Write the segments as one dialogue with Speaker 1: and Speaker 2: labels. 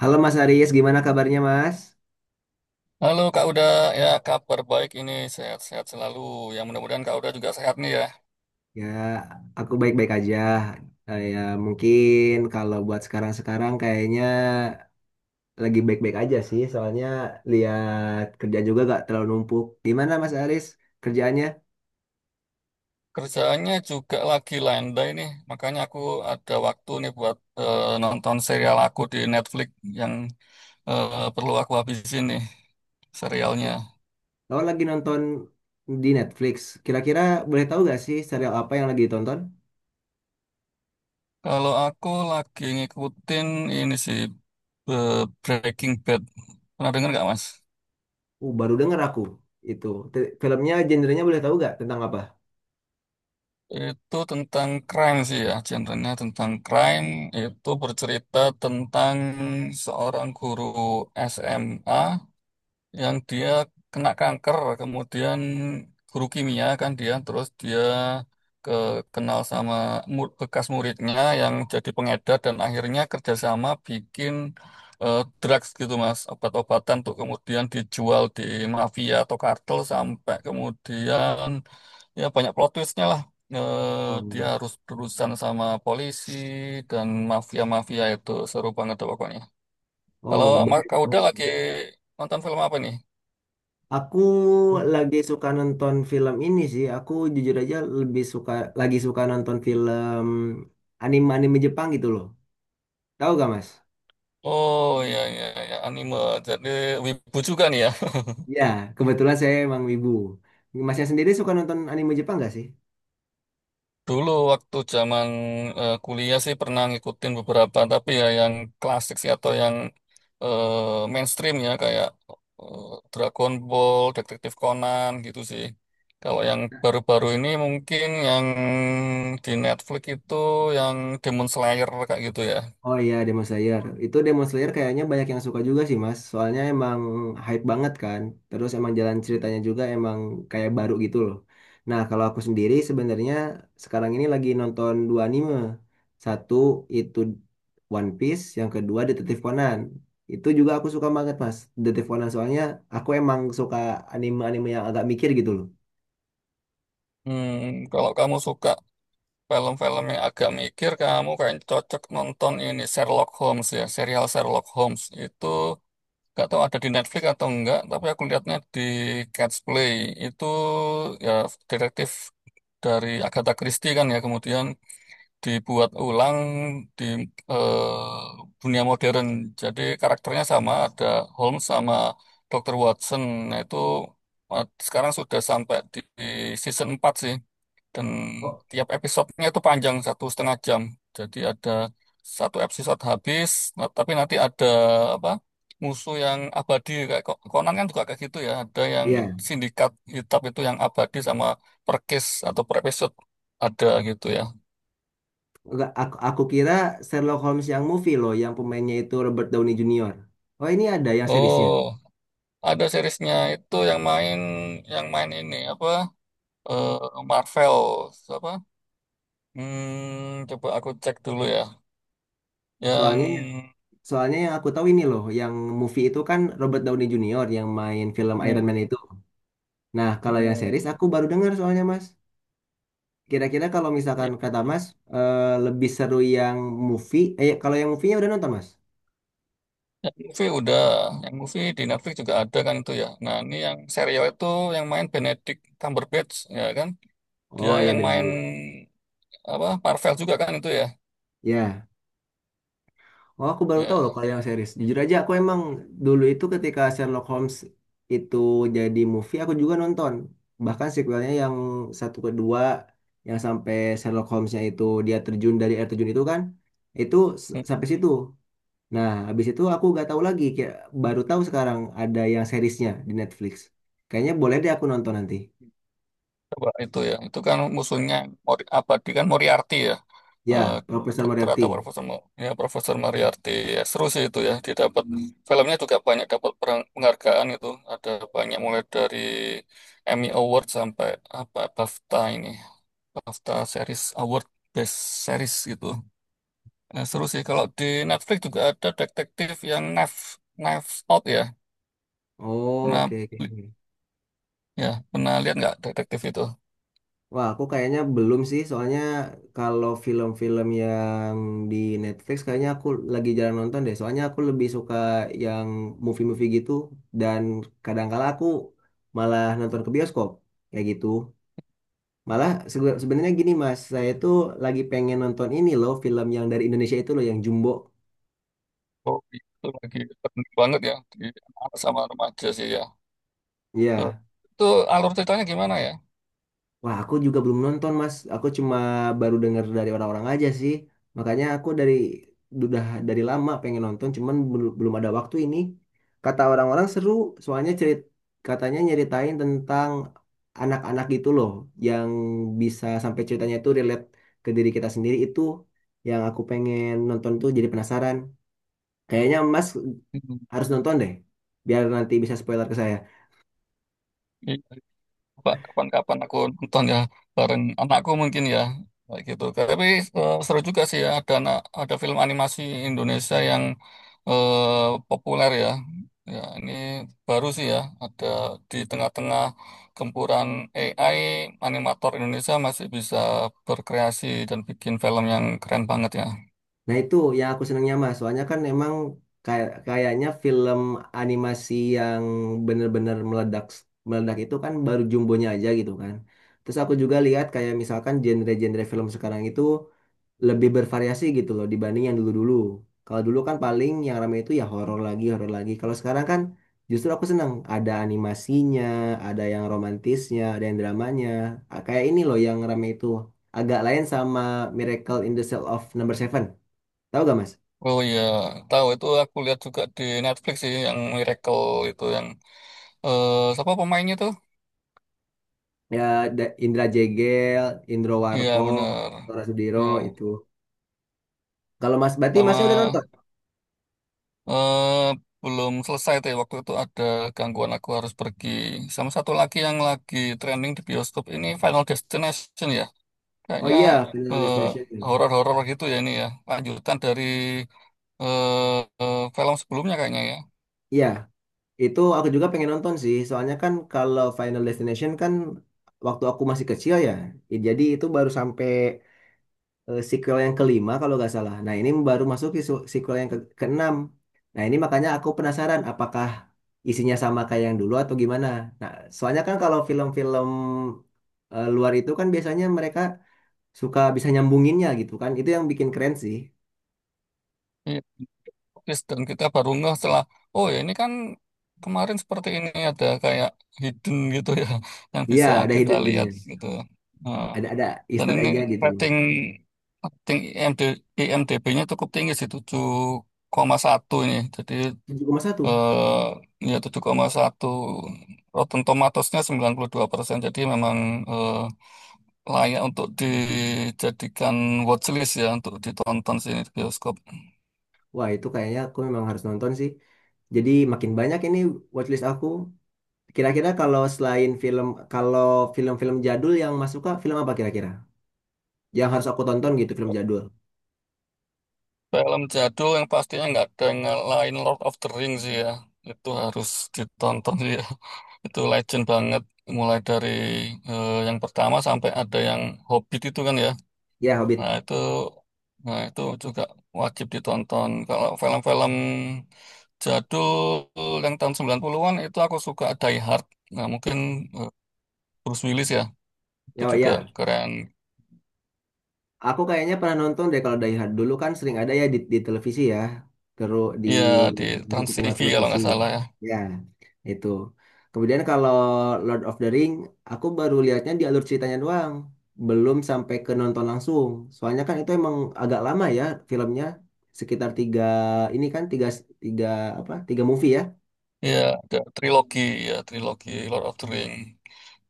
Speaker 1: Halo Mas Aris, gimana kabarnya Mas?
Speaker 2: Halo Kak Uda, ya kabar baik ini sehat-sehat selalu. Yang mudah-mudahan Kak Uda juga sehat nih ya.
Speaker 1: Ya, aku baik-baik aja. Eh, Ya, mungkin kalau buat sekarang-sekarang kayaknya lagi baik-baik aja sih, soalnya lihat kerja juga gak terlalu numpuk. Gimana Mas Aris kerjaannya?
Speaker 2: Kerjaannya juga lagi landai nih, makanya aku ada waktu nih buat nonton serial aku di Netflix yang perlu aku habisin nih serialnya.
Speaker 1: Kalau lagi nonton di Netflix, kira-kira boleh tahu gak sih serial apa yang lagi ditonton?
Speaker 2: Kalau aku lagi ngikutin ini sih eh, Breaking Bad. Pernah dengar nggak Mas?
Speaker 1: Baru denger aku itu. Filmnya, genrenya boleh tahu gak tentang apa?
Speaker 2: Itu tentang crime sih ya, genrenya tentang crime. Itu bercerita tentang seorang guru SMA yang dia kena kanker, kemudian guru kimia kan dia, terus dia ke kenal sama bekas muridnya yang jadi pengedar dan akhirnya kerjasama bikin drugs gitu mas, obat-obatan tuh kemudian dijual di mafia atau kartel sampai kemudian ya banyak plot twistnya lah. Dia
Speaker 1: Hmm.
Speaker 2: harus berurusan sama polisi dan mafia-mafia itu seru banget tuh pokoknya. Kalau
Speaker 1: Oh,
Speaker 2: Kak Uda, oh, lagi nonton film apa nih?
Speaker 1: aku lagi suka nonton film ini sih. Aku jujur aja lebih suka nonton film anime-anime Jepang gitu loh. Tahu gak Mas?
Speaker 2: Oh, ya, ya, ya, anime. Jadi wibu juga nih ya.
Speaker 1: Ya, kebetulan saya emang wibu. Masnya sendiri suka nonton anime Jepang gak sih?
Speaker 2: Dulu waktu zaman kuliah sih pernah ngikutin beberapa tapi ya yang klasik sih atau yang mainstream ya kayak eh, Dragon Ball, Detektif Conan gitu sih. Kalau yang baru-baru ini mungkin yang di Netflix itu yang Demon Slayer kayak gitu ya.
Speaker 1: Oh iya, Demon Slayer. Itu Demon Slayer kayaknya banyak yang suka juga sih Mas. Soalnya emang hype banget kan. Terus emang jalan ceritanya juga emang kayak baru gitu loh. Nah kalau aku sendiri sebenarnya sekarang ini lagi nonton dua anime. Satu itu One Piece, yang kedua Detektif Conan. Itu juga aku suka banget Mas. Detektif Conan soalnya aku emang suka anime-anime yang agak mikir gitu loh.
Speaker 2: Hmm, kalau kamu suka film-film yang agak mikir kamu kayak cocok nonton ini Sherlock Holmes ya, serial Sherlock Holmes itu gak tahu ada di Netflix atau enggak, tapi aku lihatnya di Cat's Play itu ya detektif dari Agatha Christie kan ya kemudian dibuat ulang di eh, dunia modern. Jadi karakternya sama, ada Holmes sama Dr. Watson. Nah, itu sekarang sudah sampai di season 4 sih. Dan
Speaker 1: Oh,
Speaker 2: tiap episodenya itu panjang, 1,5 jam. Jadi ada satu episode habis, nah, tapi nanti ada apa musuh yang abadi. Kayak Conan kan juga kayak gitu ya. Ada yang
Speaker 1: iya,
Speaker 2: sindikat hitam itu yang abadi sama per case atau per episode ada gitu ya.
Speaker 1: enggak, aku kira Sherlock Holmes yang movie loh, yang pemainnya itu Robert Downey Junior. Oh ini ada yang seriesnya.
Speaker 2: Oh, ada seriesnya itu yang main ini apa? eh Marvel apa? Hmm, coba aku cek dulu ya. Yang
Speaker 1: Soalnya soalnya yang aku tahu ini loh, yang movie itu kan Robert Downey Junior yang main film Iron
Speaker 2: hmm,
Speaker 1: Man itu. Nah kalau yang
Speaker 2: hmm.
Speaker 1: series aku baru dengar soalnya Mas. Kira-kira kalau misalkan kata Mas lebih seru yang movie, eh kalau yang movie-nya udah nonton Mas?
Speaker 2: Yang movie udah, yang movie di Netflix juga ada kan itu ya. Nah, ini yang serial itu yang main Benedict Cumberbatch ya kan? Dia
Speaker 1: Oh ya
Speaker 2: yang main
Speaker 1: berarti.
Speaker 2: apa? Marvel juga kan itu ya.
Speaker 1: Ya. Oh, aku baru tahu loh
Speaker 2: Ya.
Speaker 1: kalau yang series. Jujur aja, aku emang dulu itu ketika Sherlock Holmes itu jadi movie, aku juga nonton. Bahkan sequelnya yang satu kedua, yang sampai Sherlock Holmesnya itu dia terjun dari air terjun itu kan, itu sampai situ. Nah, habis itu aku gak tahu lagi, kayak baru tahu sekarang ada yang seriesnya di Netflix. Kayaknya boleh deh aku nonton nanti.
Speaker 2: Coba itu ya. Itu kan musuhnya apa dia kan Moriarty ya. Eh,
Speaker 1: Ya, Profesor
Speaker 2: dokter atau
Speaker 1: Moriarty.
Speaker 2: profesor ya Profesor Moriarty. Ya, seru sih itu ya. Dia dapat filmnya juga banyak dapat penghargaan itu. Ada banyak mulai dari Emmy Award sampai apa BAFTA ini. BAFTA Series Award Best Series gitu. Nah, seru sih kalau di Netflix juga ada detektif yang Knives Out ya.
Speaker 1: Oh,
Speaker 2: Pernah
Speaker 1: oke, oke.
Speaker 2: pernah lihat nggak detektif itu?
Speaker 1: Wah, aku kayaknya belum sih, soalnya kalau film-film yang di Netflix kayaknya aku lagi jarang nonton deh. Soalnya aku lebih suka yang movie-movie gitu dan kadang-kala aku malah nonton ke bioskop kayak gitu. Malah sebenarnya gini Mas, saya tuh lagi pengen nonton ini loh, film yang dari Indonesia itu loh yang Jumbo.
Speaker 2: Oh, itu lagi penting banget ya di anak sama remaja sih ya. Eh,
Speaker 1: Iya.
Speaker 2: Itu alur ceritanya gimana ya?
Speaker 1: Wah, aku juga belum nonton, Mas. Aku cuma baru dengar dari orang-orang aja sih. Makanya aku dari udah dari lama pengen nonton, cuman belum ada waktu ini. Kata orang-orang seru, soalnya cerit katanya nyeritain tentang anak-anak gitu loh, yang bisa sampai ceritanya itu relate ke diri kita sendiri itu yang aku pengen nonton tuh jadi penasaran. Kayaknya Mas
Speaker 2: Hmm,
Speaker 1: harus nonton deh, biar nanti bisa spoiler ke saya.
Speaker 2: iya. Coba kapan-kapan aku nonton ya bareng anakku mungkin ya kayak gitu. Tapi seru juga sih ya ada ada film animasi Indonesia yang populer ya. Ya ini baru sih ya ada di tengah-tengah gempuran AI animator Indonesia masih bisa berkreasi dan bikin film yang keren banget ya.
Speaker 1: Nah itu yang aku senangnya mas, soalnya kan emang kayak kayaknya film animasi yang bener-bener meledak meledak itu kan baru jumbonya aja gitu kan. Terus aku juga lihat kayak misalkan genre-genre film sekarang itu lebih bervariasi gitu loh dibanding yang dulu-dulu. Kalau dulu kan paling yang ramai itu ya horor lagi, horor lagi. Kalau sekarang kan justru aku senang ada animasinya, ada yang romantisnya, ada yang dramanya. Ah, kayak ini loh yang ramai itu agak lain sama Miracle in the Cell of Number Seven. Tahu gak Mas?
Speaker 2: Oh iya, tahu itu aku lihat juga di Netflix sih yang Miracle itu yang siapa pemainnya tuh?
Speaker 1: Ya, Indra Jegel, Indro
Speaker 2: Iya
Speaker 1: Warko,
Speaker 2: bener.
Speaker 1: Tora Sudiro
Speaker 2: Ya,
Speaker 1: itu. Kalau Mas Bati, Masnya udah
Speaker 2: sama
Speaker 1: nonton?
Speaker 2: eh belum selesai tuh ya, waktu itu ada gangguan aku harus pergi. Sama satu lagi yang lagi trending di bioskop ini Final Destination ya.
Speaker 1: Oh
Speaker 2: Kayaknya
Speaker 1: iya, Final
Speaker 2: eh
Speaker 1: Destination.
Speaker 2: horor-horor gitu ya ini ya. Lanjutan dari film sebelumnya kayaknya ya.
Speaker 1: Iya, itu aku juga pengen nonton sih. Soalnya kan kalau Final Destination kan waktu aku masih kecil ya. Jadi itu baru sampai sequel yang kelima kalau nggak salah. Nah ini baru masuk ke sequel yang ke keenam. Nah ini makanya aku penasaran apakah isinya sama kayak yang dulu atau gimana. Nah soalnya kan kalau film-film luar itu kan biasanya mereka suka bisa nyambunginnya gitu kan. Itu yang bikin keren sih.
Speaker 2: Iya. Yes, dan kita baru ngeh setelah oh ya ini kan kemarin seperti ini ada kayak hidden gitu ya yang
Speaker 1: Iya
Speaker 2: bisa
Speaker 1: ada
Speaker 2: kita
Speaker 1: hidden
Speaker 2: lihat
Speaker 1: gemnya,
Speaker 2: gitu. Nah,
Speaker 1: ada
Speaker 2: dan
Speaker 1: Easter
Speaker 2: ini
Speaker 1: eggnya gitu.
Speaker 2: rating rating IMDb-nya cukup tinggi sih tujuh koma satu ini. Jadi
Speaker 1: 7,1.
Speaker 2: ya 7,1 Rotten Tomatoes-nya 92%. Jadi memang eh, layak untuk dijadikan watchlist ya untuk ditonton sini di bioskop.
Speaker 1: Wah itu kayaknya aku memang harus nonton sih. Jadi makin banyak ini watchlist aku. Kira-kira kalau selain film, kalau film-film jadul yang Mas suka, film apa kira-kira? Yang harus aku tonton gitu, film jadul.
Speaker 2: Film jadul yang pastinya nggak ada yang lain Lord of the Rings sih ya. Itu harus ditonton sih ya. Itu legend banget. Mulai dari yang pertama sampai ada yang Hobbit itu kan ya.
Speaker 1: Ya, Hobbit.
Speaker 2: Nah itu, nah itu juga wajib ditonton. Kalau film-film jadul yang tahun 90-an itu aku suka Die Hard. Nah mungkin eh, Bruce Willis ya. Itu
Speaker 1: Ya, oh,
Speaker 2: juga
Speaker 1: ya.
Speaker 2: keren.
Speaker 1: Aku kayaknya pernah nonton deh kalau dari dulu kan sering ada ya di televisi ya. Terus
Speaker 2: Iya di
Speaker 1: di satu
Speaker 2: Trans
Speaker 1: channel
Speaker 2: TV kalau
Speaker 1: televisi.
Speaker 2: nggak salah ya.
Speaker 1: Ya, itu. Kemudian kalau Lord of the Ring, aku baru lihatnya di alur ceritanya doang. Belum sampai ke nonton langsung. Soalnya kan itu emang agak lama ya filmnya. Sekitar tiga, ini kan tiga, tiga apa, tiga movie ya.
Speaker 2: Ya, ada trilogi ya, trilogi Lord of the Ring.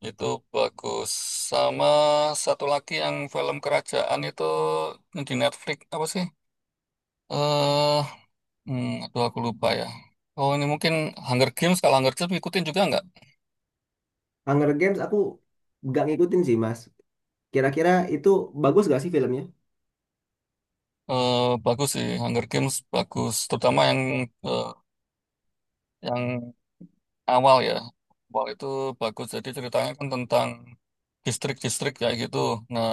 Speaker 2: Itu bagus. Sama satu lagi yang film kerajaan itu yang di Netflix apa sih? Eh, aduh aku lupa ya. Oh, ini mungkin Hunger Games. Kalau Hunger Games ikutin juga nggak?
Speaker 1: Hunger Games aku nggak ngikutin sih Mas. Kira-kira itu bagus gak sih filmnya?
Speaker 2: Eh, bagus sih, Hunger Games bagus. Terutama yang eh, yang awal ya. Awal itu bagus. Jadi ceritanya kan tentang distrik-distrik kayak gitu. Nah,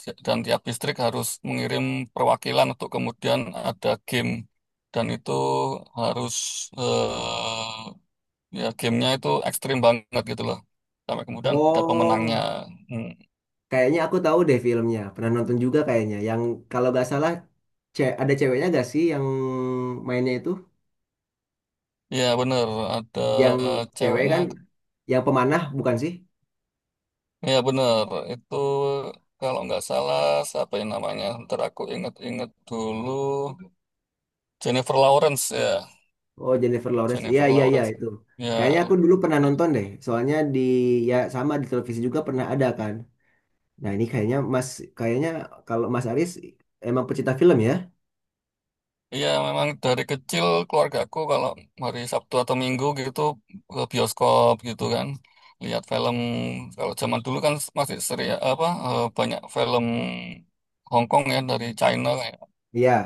Speaker 2: dan tiap distrik harus mengirim perwakilan untuk kemudian ada game. Dan itu harus eh, ya gamenya itu ekstrim banget gitu loh. Sampai kemudian ada pemenangnya.
Speaker 1: Oh,
Speaker 2: Hmm.
Speaker 1: kayaknya aku tahu deh filmnya. Pernah nonton juga kayaknya. Yang kalau gak salah ada ceweknya gak sih yang mainnya itu?
Speaker 2: Ya bener, ada
Speaker 1: Yang cewek
Speaker 2: ceweknya.
Speaker 1: kan, yang pemanah bukan sih?
Speaker 2: Ya bener, itu kalau nggak salah siapa yang namanya? Ntar aku inget-inget dulu. Jennifer Lawrence ya.
Speaker 1: Oh, Jennifer Lawrence. Iya,
Speaker 2: Jennifer
Speaker 1: iya, iya
Speaker 2: Lawrence.
Speaker 1: itu. Kayaknya
Speaker 2: Ya,
Speaker 1: aku dulu pernah
Speaker 2: nah,
Speaker 1: nonton deh. Soalnya di ya sama di televisi juga pernah ada kan. Nah, ini kayaknya Mas kayaknya kalau Mas Aris emang pecinta film ya?
Speaker 2: iya memang dari kecil keluargaku kalau hari Sabtu atau Minggu gitu ke bioskop gitu kan lihat film. Kalau zaman dulu kan masih seri apa banyak film Hong Kong ya dari China kayak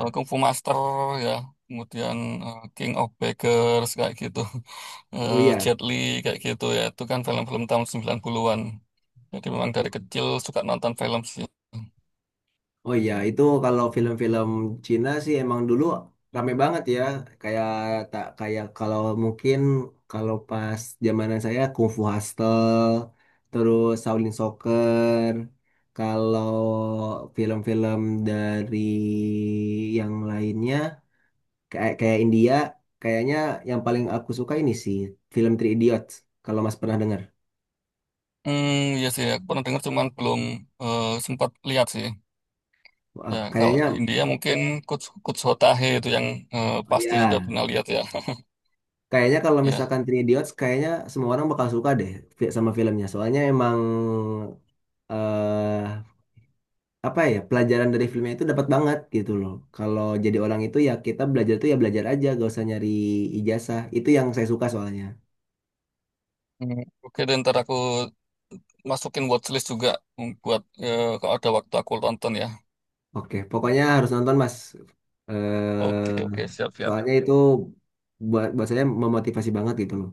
Speaker 2: Kung Fu Master ya, kemudian King of Beggars kayak gitu.
Speaker 1: Oh iya.
Speaker 2: Jet Li kayak gitu ya. Itu kan film-film tahun 90-an. Jadi memang dari kecil suka nonton film sih.
Speaker 1: Oh iya, itu kalau film-film Cina sih emang dulu rame banget ya. Kayak tak kayak kalau mungkin kalau pas zamanan saya Kung Fu Hustle, terus Shaolin Soccer. Kalau film-film dari yang lainnya kayak kayak India, kayaknya yang paling aku suka ini sih film Three Idiots. Kalau Mas pernah dengar,
Speaker 2: Hmm, iya sih, aku pernah dengar cuman belum sempat lihat sih.
Speaker 1: wah,
Speaker 2: Ya, kalau
Speaker 1: kayaknya
Speaker 2: di India mungkin kuts kuts Hotahe itu yang
Speaker 1: oh
Speaker 2: pasti sudah
Speaker 1: ya
Speaker 2: pernah lihat ya.
Speaker 1: kayaknya kalau
Speaker 2: Ya,
Speaker 1: misalkan Three Idiots, kayaknya semua orang bakal suka deh sama filmnya. Soalnya emang eh apa ya pelajaran dari filmnya itu dapat banget gitu loh. Kalau jadi orang itu ya kita belajar tuh ya belajar aja, gak usah nyari ijazah. Itu yang saya suka soalnya.
Speaker 2: Oke, dan ntar aku masukin watchlist juga buat kalau ada waktu aku tonton ya.
Speaker 1: Oke, pokoknya harus nonton Mas.
Speaker 2: Oke,
Speaker 1: eh
Speaker 2: oke, siap,
Speaker 1: Soalnya
Speaker 2: siap.
Speaker 1: itu buat buat saya memotivasi banget gitu loh.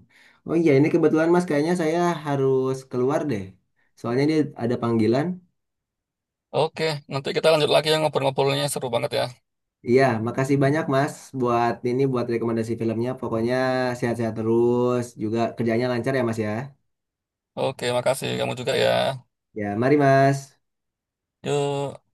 Speaker 1: Oh iya, ini kebetulan Mas, kayaknya saya harus keluar deh. Soalnya dia ada panggilan.
Speaker 2: Oke, nanti kita lanjut lagi ya ngobrol-ngobrolnya seru banget ya.
Speaker 1: Iya, makasih banyak Mas buat ini buat rekomendasi filmnya. Pokoknya sehat-sehat terus, juga kerjanya lancar ya Mas ya.
Speaker 2: Oke, makasih kamu juga ya.
Speaker 1: Ya, mari Mas.
Speaker 2: Yuk.